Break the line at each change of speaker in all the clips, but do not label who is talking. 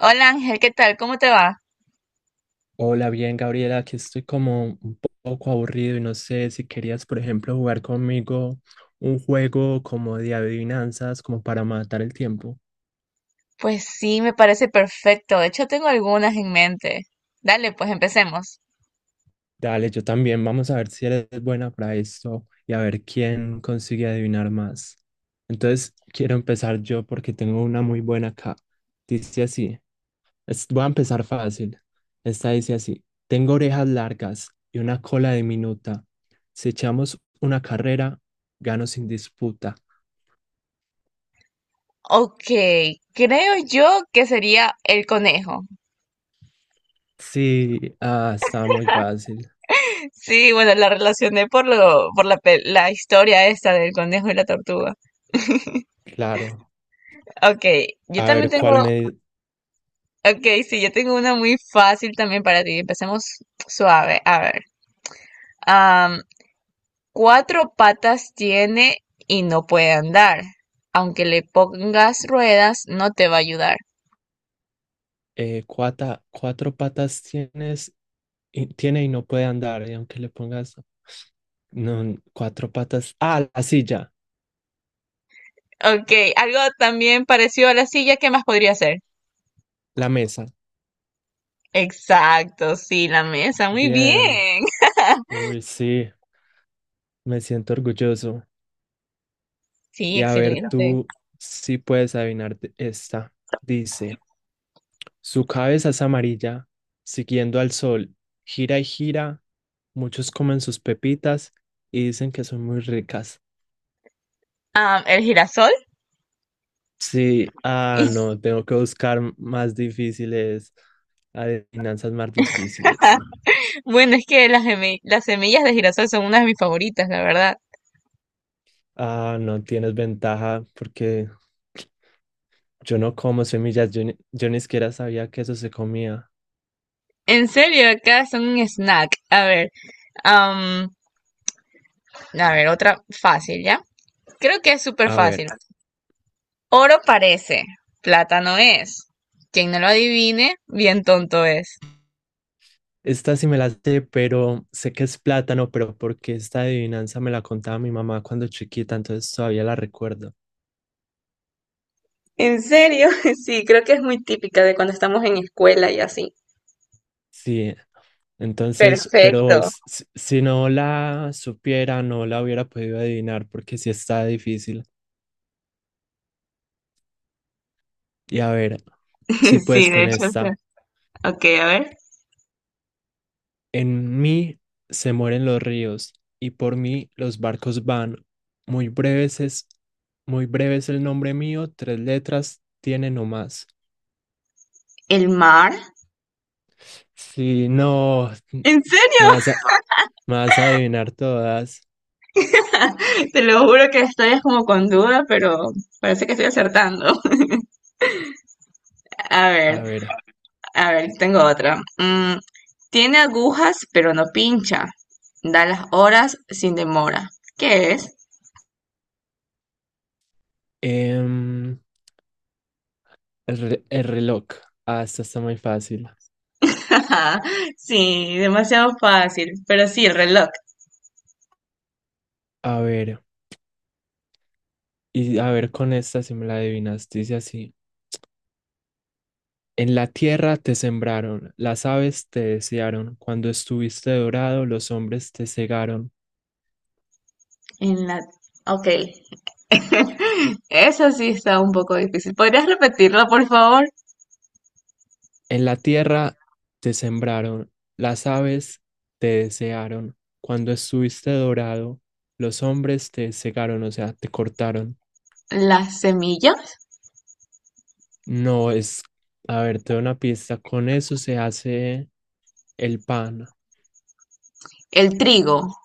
Hola Ángel, ¿qué tal? ¿Cómo te va?
Hola, bien, Gabriela, aquí estoy como poco aburrido y no sé si querías, por ejemplo, jugar conmigo un juego como de adivinanzas, como para matar el tiempo.
Pues sí, me parece perfecto. De hecho, tengo algunas en mente. Dale, pues empecemos.
Dale, yo también, vamos a ver si eres buena para esto y a ver quién consigue adivinar más. Entonces, quiero empezar yo porque tengo una muy buena acá. Dice así, voy a empezar fácil. Esta dice así, tengo orejas largas y una cola diminuta. Si echamos una carrera, gano sin disputa.
Ok, creo yo que sería el conejo.
Sí, ah, está muy fácil.
Sí, bueno, la relacioné por lo, por la, pe- la historia esta del conejo y la tortuga.
Claro.
Ok, yo
A
también
ver,
tengo, ok, sí, yo tengo una muy fácil también para ti. Empecemos suave. A ver. Cuatro patas tiene y no puede andar. Aunque le pongas ruedas, no te va a ayudar.
¿cuatro patas tienes y no puede andar? Y aunque le pongas no, n- cuatro patas. Ah, la silla,
Ok, algo también parecido a la silla, ¿qué más podría ser?
la mesa.
Exacto, sí, la mesa, muy
Bien.
bien.
Uy, sí, me siento orgulloso.
Sí,
Y a ver,
excelente.
tú sí puedes adivinar esta. Dice, su cabeza es amarilla, siguiendo al sol, gira y gira. Muchos comen sus pepitas y dicen que son muy ricas.
Ah, el girasol.
Sí, ah, no, tengo que buscar más difíciles, adivinanzas más difíciles.
Bueno, es que las semillas de girasol son una de mis favoritas, la verdad.
Ah, no tienes ventaja porque yo no como semillas, yo ni siquiera sabía que eso se comía.
En serio, acá son un snack. A ver, am, a ver, otra fácil, ¿ya? Creo que es súper
A
fácil.
ver,
Oro parece, plata no es. Quien no lo adivine, bien tonto es.
esta sí me la sé, pero sé que es plátano, pero porque esta adivinanza me la contaba mi mamá cuando chiquita, entonces todavía la recuerdo.
¿En serio? Sí, creo que es muy típica de cuando estamos en escuela y así.
Sí, entonces, pero
Perfecto.
si no la supiera, no la hubiera podido adivinar porque sí está difícil. Y a ver. Si
Sí,
puedes
de
con
hecho, sí.
esta.
Ok, a ver.
En mí se mueren los ríos y por mí los barcos van. Muy breves es, muy breve es el nombre mío, tres letras tiene no más.
¿El mar?
Si no,
¿En
más, más adivinar todas.
serio? Te lo juro que estoy es como con duda, pero parece que estoy acertando. A
A
ver,
ver,
a ver, tengo otra. Tiene agujas, pero no pincha. Da las horas sin demora. ¿Qué es?
em, el reloj. Ah, esta está muy fácil.
Ajá, sí, demasiado fácil, pero sí, el reloj.
A ver, y a ver con esta si me la adivinas, dice así. En la tierra te sembraron, las aves te desearon, cuando estuviste dorado los hombres te cegaron.
En la... Ok. Eso sí está un poco difícil. ¿Podrías repetirlo, por favor?
En la tierra te sembraron, las aves te desearon, cuando estuviste dorado los hombres te cegaron, o sea, te cortaron.
Las semillas,
No es, a ver, te doy una pista, con eso se hace el pan,
el trigo.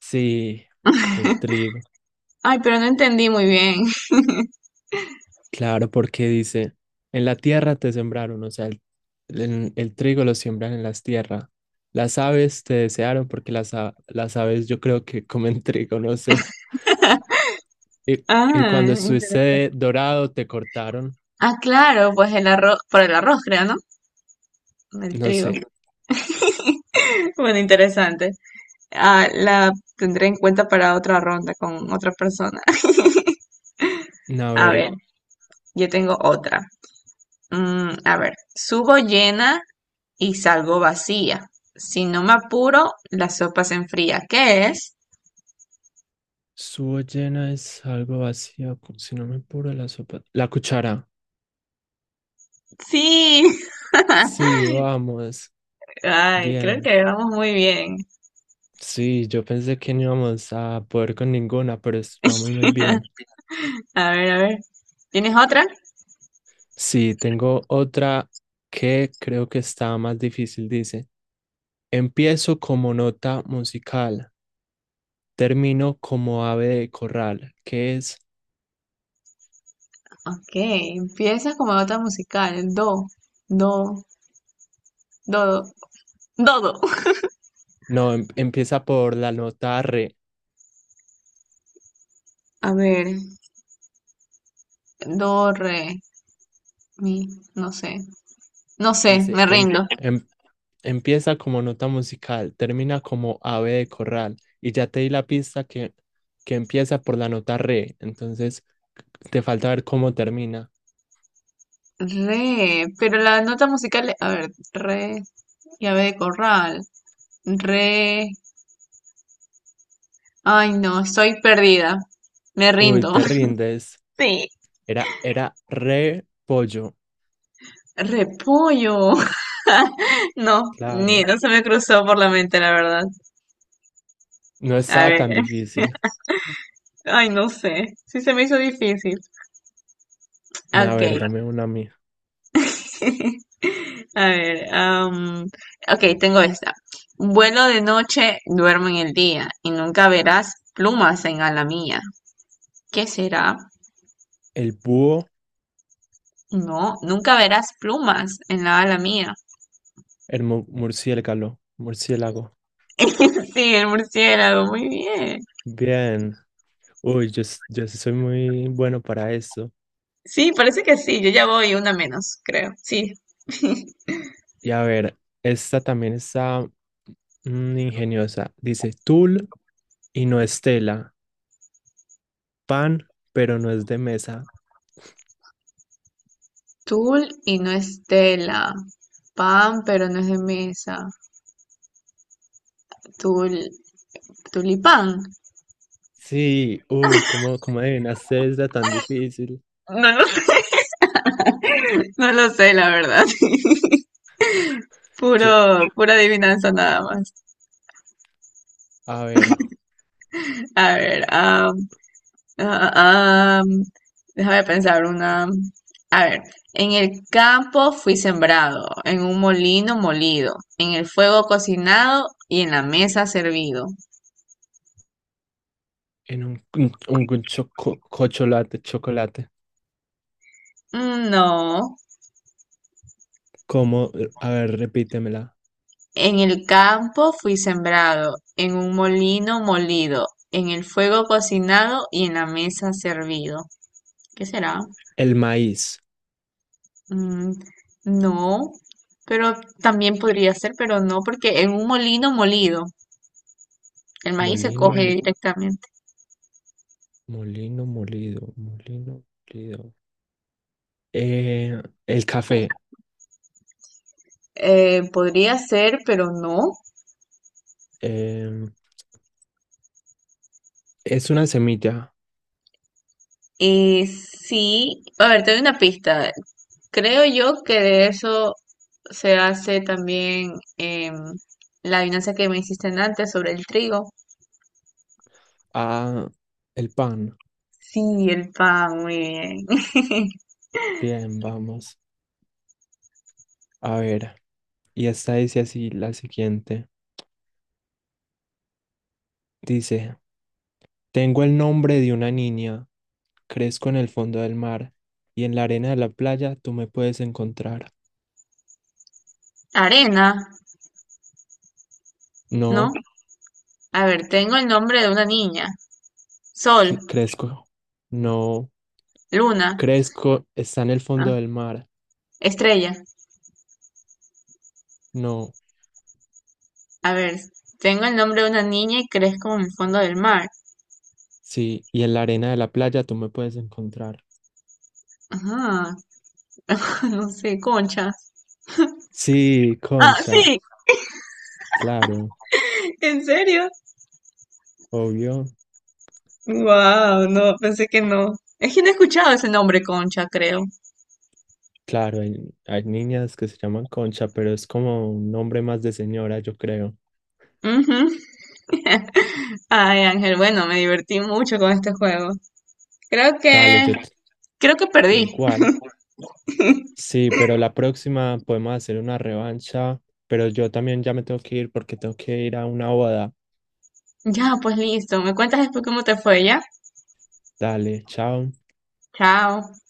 sí, el trigo.
Ay, pero no entendí muy bien.
Claro, porque dice, en la tierra te sembraron, o sea, el trigo lo siembran en las tierras. Las aves te desearon porque las aves yo creo que comen trigo, no sé. Y, y
Ah,
cuando estuviste
interesante.
dorado te cortaron,
Ah, claro, pues el arroz, por el arroz, creo, ¿no? El
no
trigo.
sé.
Bueno, interesante. Ah, la tendré en cuenta para otra ronda con otra persona.
A
A
ver,
ver, yo tengo otra. A ver, subo llena y salgo vacía. Si no me apuro, la sopa se enfría. ¿Qué es?
su llena es algo vacío, si no me apuro la sopa. La cuchara.
Sí.
Sí, vamos.
Ay, creo
Bien.
que vamos muy bien.
Sí, yo pensé que no íbamos a poder con ninguna, pero vamos muy bien.
A ver. ¿Tienes otra?
Sí, tengo otra que creo que está más difícil, dice. Empiezo como nota musical, termino como ave de corral, que es,
Ok, empieza como nota musical. Do, do, do.
no, empieza por la nota re,
A ver, do, re, mi, no sé. No sé,
dice,
me rindo.
empieza como nota musical, termina como ave de corral, y ya te di la pista que empieza por la nota re, entonces te falta ver cómo termina.
Re, pero la nota musical, a ver, re, llave de corral. Re, ay, no, estoy perdida. Me
Uy,
rindo.
te rindes,
Sí,
era re pollo,
repollo. No, ni
claro.
no se me cruzó por la mente, la verdad.
No
A
estaba
ver,
tan difícil.
ay, no sé. Sí se me hizo difícil.
A ver,
Ok.
dame una mía.
A ver, am, ok, tengo esta. Vuelo de noche, duermo en el día y nunca verás plumas en ala mía. ¿Qué será?
El búho,
No, nunca verás plumas en la ala mía.
murciélago, murciélago.
Sí, el murciélago, muy bien.
Bien. Uy, yo sí soy muy bueno para eso.
Sí, parece que sí. Yo ya voy una menos, creo. Sí.
Y a ver, esta también está mm, ingeniosa. Dice tul y no es tela. Pan, pero no es de mesa.
Tul y no es tela. Pan, pero no es de mesa. Tul, tulipán.
Sí, uy, ¿cómo adivinaste esta tan difícil?
No lo sé. No lo sé, la verdad.
Yo-
Puro, pura adivinanza nada más.
a ver,
A ver, am, ah, am, déjame pensar una. A ver, en el campo fui sembrado, en un molino molido, en el fuego cocinado y en la mesa servido.
en un, un choco- chocolate, chocolate.
Mm, no.
¿Cómo? A ver, repítemela.
En el campo fui sembrado, en un molino molido, en el fuego cocinado y en la mesa servido. ¿Qué será?
El maíz.
Mm, no, pero también podría ser, pero no, porque en un molino molido, el maíz se
Molino,
coge. Bueno,
mo-
directamente.
molino molido, molino molido. Eh, el café.
Podría ser, pero no.
Eh, es una semilla.
Sí, a ver, te doy una pista. Creo yo que de eso se hace también la adivinanza que me hiciste antes sobre el trigo.
Ah, el pan.
Sí, el pan, muy bien.
Bien, vamos. A ver. Y esta dice así, la siguiente. Dice, tengo el nombre de una niña. Crezco en el fondo del mar y en la arena de la playa tú me puedes encontrar.
Arena, ¿no?
No,
A ver, tengo el nombre de una niña. Sol,
sí, crezco. No,
luna,
crezco, está en el
ah,
fondo del mar.
estrella.
No.
A ver, tengo el nombre de una niña y crezco en el fondo del mar.
Sí, y en la arena de la playa tú me puedes encontrar.
Ajá, no sé, concha.
Sí,
Ah,
Concha,
sí,
claro,
¿en serio?
obvio.
Wow, no, pensé que no. Es que no he escuchado ese nombre, concha, creo.
Claro, hay niñas que se llaman Concha, pero es como un nombre más de señora, yo creo.
Ujú. Ay, Ángel, bueno, me divertí mucho con este juego. Creo
Dale,
que, creo que
yo
perdí.
igual. Sí, pero la próxima podemos hacer una revancha, pero yo también ya me tengo que ir porque tengo que ir a una boda.
Ya, pues listo. Me cuentas después cómo te fue, ¿ya?
Dale, chao.
Chao.